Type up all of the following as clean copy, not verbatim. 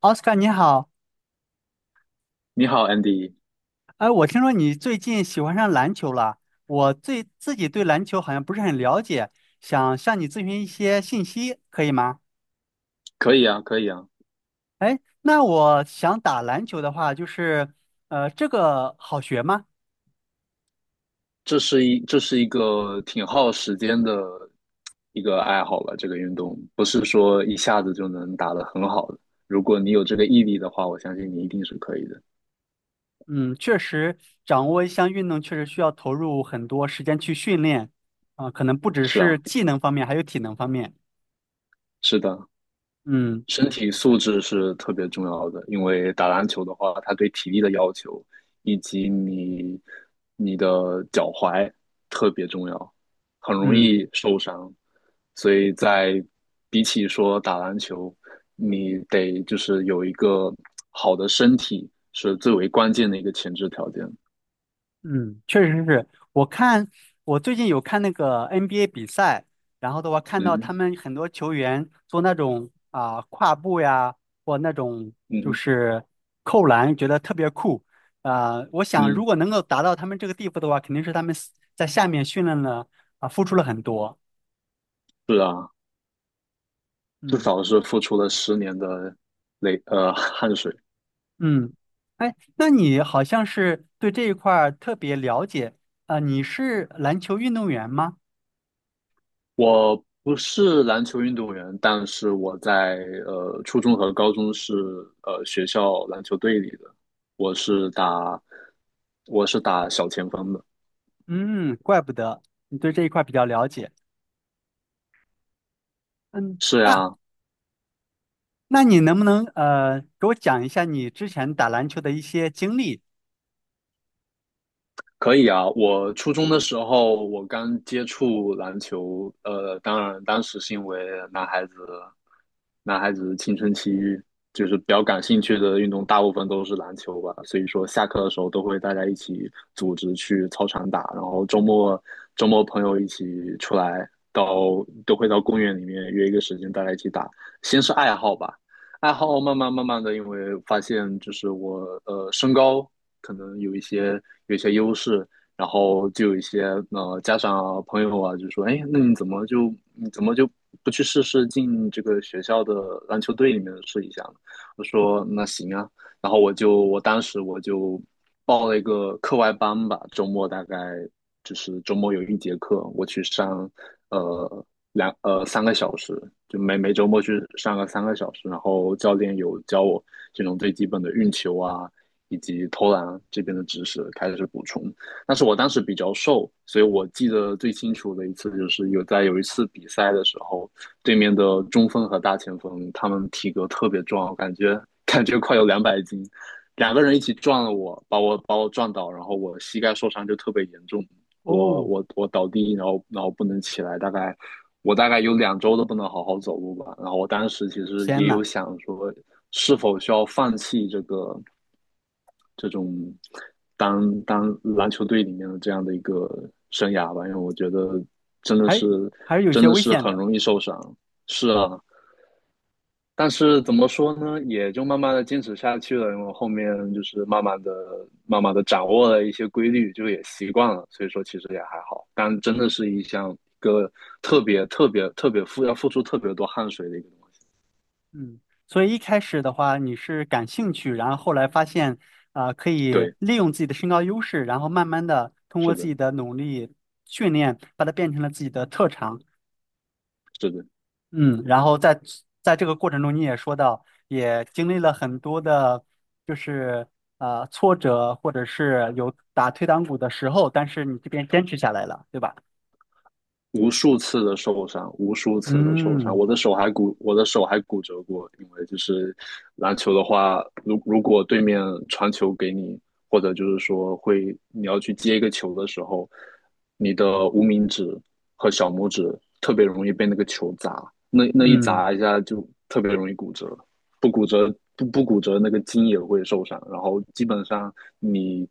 奥斯卡你好，你好，Andy，哎，我听说你最近喜欢上篮球了。我自己对篮球好像不是很了解，想向你咨询一些信息，可以吗？可以啊，可以啊，哎，那我想打篮球的话，这个好学吗？这是一个挺耗时间的一个爱好吧，这个运动不是说一下子就能打得很好的。如果你有这个毅力的话，我相信你一定是可以的。嗯，确实，掌握一项运动确实需要投入很多时间去训练，可能不只是是啊，技能方面，还有体能方面。是的，嗯。身体素质是特别重要的，因为打篮球的话，它对体力的要求以及你的脚踝特别重要，很容嗯，易受伤。所以比起说打篮球，你得就是有一个好的身体是最为关键的一个前置条件。嗯，确实是。我看我最近有看那个 NBA 比赛，然后的话看到嗯他们很多球员做那种跨步呀，或那种就嗯是扣篮，觉得特别酷。我想如嗯，果能够达到他们这个地步的话，肯定是他们在下面训练了，付出了很多。是啊，至嗯少是付出了10年的汗水。嗯。哎，那你好像是对这一块儿特别了解，你是篮球运动员吗？我不是篮球运动员，但是我在初中和高中是学校篮球队里的，我是打我是打小前锋的。嗯，怪不得你对这一块儿比较了解。嗯，是那呀，那你能不能给我讲一下你之前打篮球的一些经历？可以啊，我初中的时候我刚接触篮球，当然当时是因为男孩子，男孩子青春期就是比较感兴趣的运动，大部分都是篮球吧，所以说下课的时候都会大家一起组织去操场打，然后周末朋友一起出来到都会到公园里面约一个时间大家一起打，先是爱好吧。爱好慢慢的，因为发现就是我身高可能有一些优势，然后就有一些家长啊、朋友啊，就说，哎，那你怎么就不去试试进这个学校的篮球队里面试一下呢？我说那行啊，然后我当时我就报了一个课外班吧，周末大概就是周末有一节课，我去上呃两呃三个小时，就每周末去上个三个小时，然后教练有教我这种最基本的运球啊，以及投篮这边的知识开始补充。但是我当时比较瘦，所以我记得最清楚的一次就是有一次比赛的时候，对面的中锋和大前锋他们体格特别壮，我感觉快有200斤，两个人一起撞了我，把我撞倒，然后我膝盖受伤就特别严重，我哦，我我倒地，然后不能起来，大概。我大概有2周都不能好好走路吧，然后我当时其实天也呐，有想说，是否需要放弃这种当当篮球队里面的这样的一个生涯吧，因为我觉得真的是还还是有真些的危是险很的。容易受伤。是啊，但是怎么说呢，也就慢慢的坚持下去了，因为后面就是慢慢的掌握了一些规律，就也习惯了，所以说其实也还好。但真的是一个特别特别特别要付出特别多汗水的一个东西。嗯，所以一开始的话你是感兴趣，然后后来发现可以对，利用自己的身高优势，然后慢慢的通过是自的，己的努力训练，把它变成了自己的特长。是的。嗯，然后在这个过程中，你也说到，也经历了很多的，就是挫折，或者是有打退堂鼓的时候，但是你这边坚持下来了，对吧？无数次的受伤，无数次的受伤，嗯。我的手还骨折过。因为就是篮球的话，如果对面传球给你，或者就是说你要去接一个球的时候，你的无名指和小拇指特别容易被那个球砸，那一嗯砸一下就特别容易骨折，不骨折，那个筋也会受伤，然后基本上你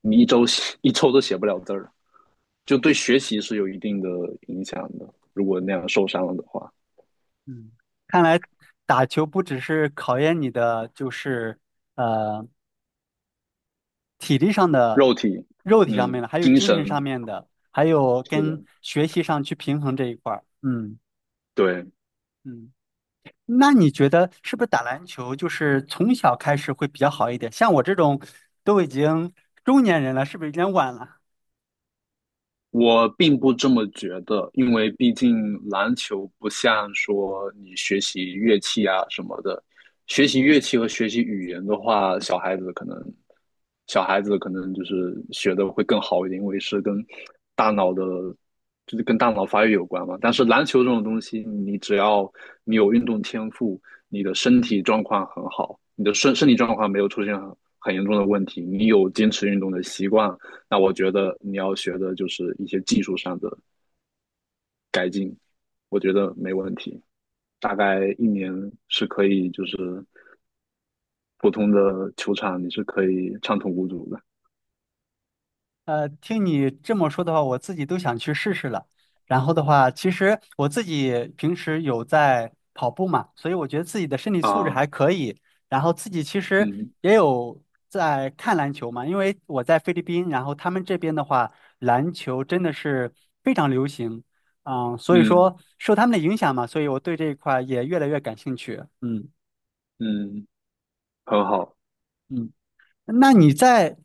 你一周都写不了字儿。就对学习是有一定的影响的。如果那样受伤了的话，嗯，看来打球不只是考验你的，呃体力上的、肉体，肉体上面嗯，的，还有精精神，神上面的，还有是的，跟学习上去平衡这一块儿。嗯对。嗯。那你觉得是不是打篮球就是从小开始会比较好一点？像我这种都已经中年人了，是不是有点晚了？我并不这么觉得，因为毕竟篮球不像说你学习乐器啊什么的，学习乐器和学习语言的话，小孩子可能就是学的会更好一点，因为是跟大脑的，就是跟大脑发育有关嘛。但是篮球这种东西，你只要你有运动天赋，你的身体状况很好，你的身体状况没有出现很严重的问题，你有坚持运动的习惯，那我觉得你要学的就是一些技术上的改进，我觉得没问题。大概1年是可以，就是普通的球场你是可以畅通无阻的呃，听你这么说的话，我自己都想去试试了。然后的话，其实我自己平时有在跑步嘛，所以我觉得自己的身体素质啊。还可以。然后自己其实嗯也有在看篮球嘛，因为我在菲律宾，然后他们这边的话，篮球真的是非常流行，嗯，所以嗯说受他们的影响嘛，所以我对这一块儿也越来越感兴趣。嗯嗯，很好。嗯。那你在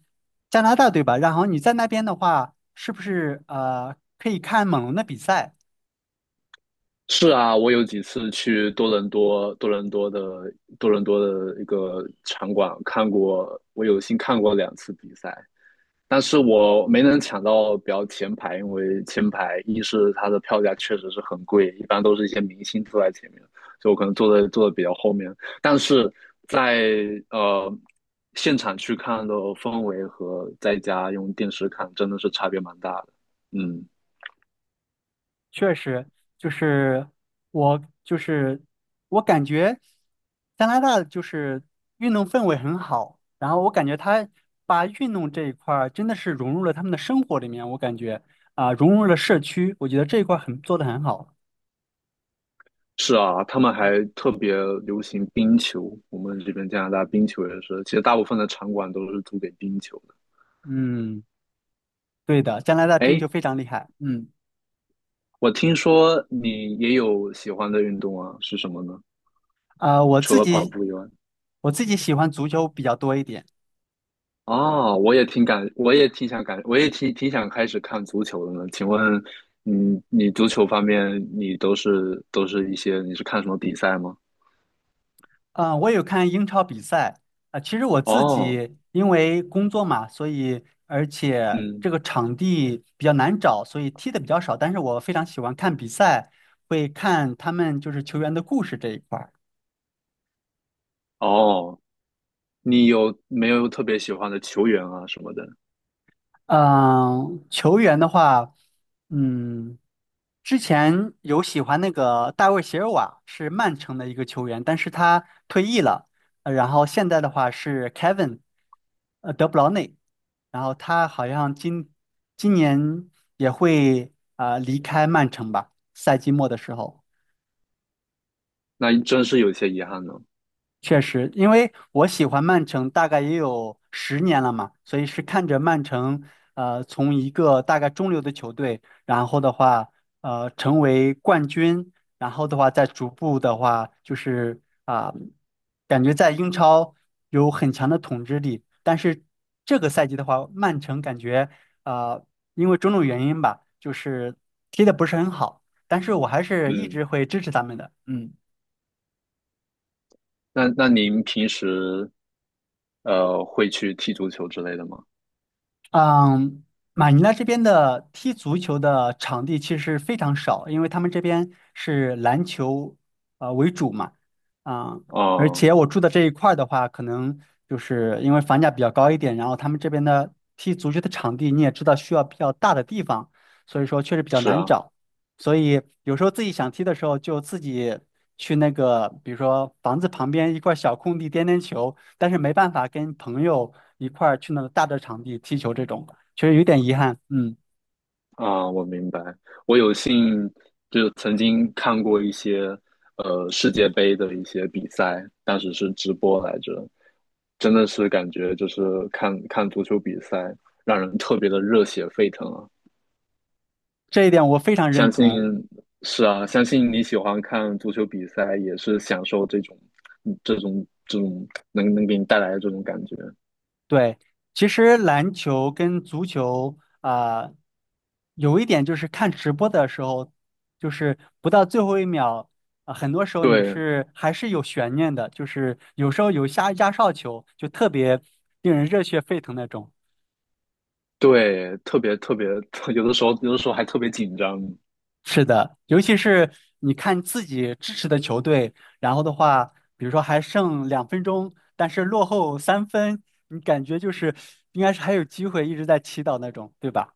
加拿大对吧？然后你在那边的话，是不是可以看猛龙的比赛？是啊，我有几次去多伦多，多伦多的一个场馆看过，我有幸看过2次比赛。但是我没能抢到比较前排，因为前排一是它的票价确实是很贵，一般都是一些明星坐在前面，就我可能坐的比较后面。但是在呃现场去看的氛围和在家用电视看真的是差别蛮大的。嗯，确实，就是我就是我感觉加拿大就是运动氛围很好，然后我感觉他把运动这一块儿真的是融入了他们的生活里面，我感觉融入了社区，我觉得这一块儿很做的很好。是啊，他们还特别流行冰球，我们这边加拿大冰球也是，其实大部分的场馆都是租给冰球的。嗯，对的，加拿大冰哎，球非常厉害。嗯，我听说你也有喜欢的运动啊，是什么呢？啊、我除自了跑己步以外，我自己喜欢足球比较多一点。哦，我也挺感，我也挺想感，我也挺挺想开始看足球的呢。请问你足球方面，你都是都是一些，你是看什么比赛吗？嗯，我有看英超比赛啊，其实我自哦，己因为工作嘛，所以而且嗯，这个场地比较难找，所以踢的比较少。但是我非常喜欢看比赛，会看他们就是球员的故事这一块儿。哦，你有没有特别喜欢的球员啊什么的？嗯，球员的话，嗯。之前有喜欢那个大卫席尔瓦，是曼城的一个球员，但是他退役了。然后现在的话是 Kevin，呃，德布劳内，然后他好像今年也会离开曼城吧，赛季末的时候。那真是有些遗憾呢。确实，因为我喜欢曼城大概也有10年了嘛，所以是看着曼城，呃，从一个大概中流的球队，然后的话，呃，成为冠军，然后的话再逐步的话，感觉在英超有很强的统治力。但是这个赛季的话，曼城感觉啊、因为种种原因吧，就是踢的不是很好，但是我还是一嗯，直会支持他们的，嗯。那您平时会去踢足球之类的吗？嗯，马尼拉这边的踢足球的场地其实非常少，因为他们这边是篮球为主嘛，啊、而哦，且我住的这一块儿的话，可能就是因为房价比较高一点，然后他们这边的踢足球的场地你也知道需要比较大的地方，所以说确实比较是难啊。找，所以有时候自己想踢的时候就自己去那个，比如说房子旁边一块小空地颠颠球，但是没办法跟朋友一块儿去那个大的场地踢球，这种确实有点遗憾。嗯，啊，我明白。我有幸就曾经看过一些世界杯的一些比赛，当时是直播来着，真的是感觉就是看看足球比赛，让人特别的热血沸腾啊！这一点我非常认相信同。是啊，相信你喜欢看足球比赛，也是享受这种嗯这种这种能给你带来的这种感觉。对，其实篮球跟足球有一点就是看直播的时候，就是不到最后一秒。啊，很多时候你对是还是有悬念的，就是有时候有下压哨球，就特别令人热血沸腾那种。对，特别特别，有的时候还特别紧张。是的，尤其是你看自己支持的球队，然后的话，比如说还剩2分钟，但是落后3分，你感觉就是应该是还有机会，一直在祈祷那种，对吧？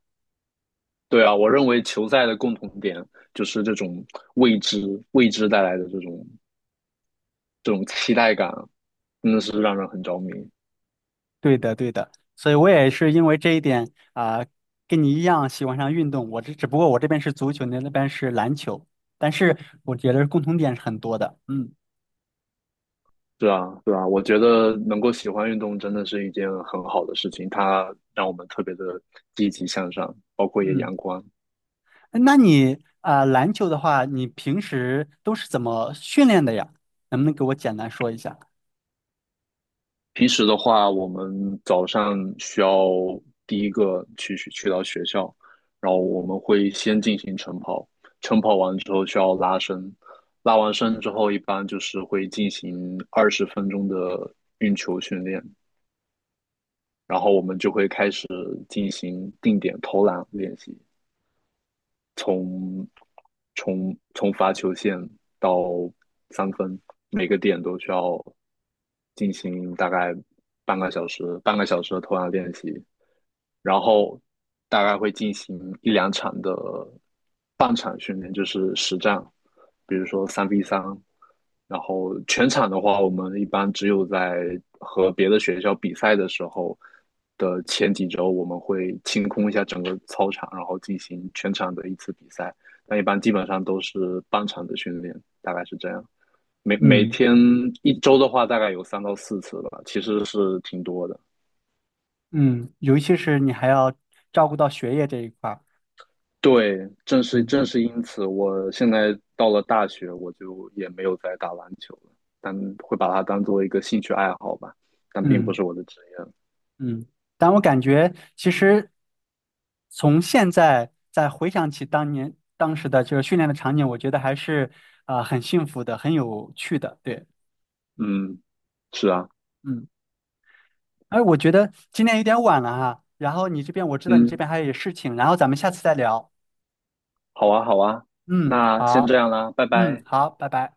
对啊，我认为球赛的共同点就是这种未知、未知带来的这种期待感，真的是让人很着迷。对的，对的。所以我也是因为这一点啊，跟你一样喜欢上运动。我这只不过我这边是足球，你那边是篮球，但是我觉得共同点是很多的。嗯，是啊，对啊，我觉得能够喜欢运动真的是一件很好的事情，它让我们特别的积极向上，包括也嗯，阳光。那你啊，篮球的话，你平时都是怎么训练的呀？能不能给我简单说一下？平时的话，我们早上需要第一个去到学校，然后我们会先进行晨跑，晨跑完之后需要拉伸，拉完伸之后一般就是会进行20分钟的，然后我们就会开始进行定点投篮练习，从从罚球线到三分，每个点都需要进行大概半个小时的投篮练习，然后大概会进行一两场的半场训练，就是实战，比如说3v3。然后全场的话，我们一般只有在和别的学校比赛的时候的前几周，我们会清空一下整个操场，然后进行全场的一次比赛。但一般基本上都是半场的训练，大概是这样。每每嗯，天一周的话，大概有3到4次吧，其实是挺多的。嗯，尤其是你还要照顾到学业这一块儿，对，正是嗯正是因此，我现在到了大学，我就也没有再打篮球了，但会把它当做一个兴趣爱好吧，但并不嗯是我的职业。嗯。但我感觉，其实从现在再回想起当时的这个训练的场景，我觉得还是很幸福的，很有趣的。对，嗯，是啊，嗯。哎，我觉得今天有点晚了哈，然后你这边我知道你这嗯，边还有事情，然后咱们下次再聊。好啊，好啊，嗯，那先这好，样啦，拜嗯，拜。好，拜拜。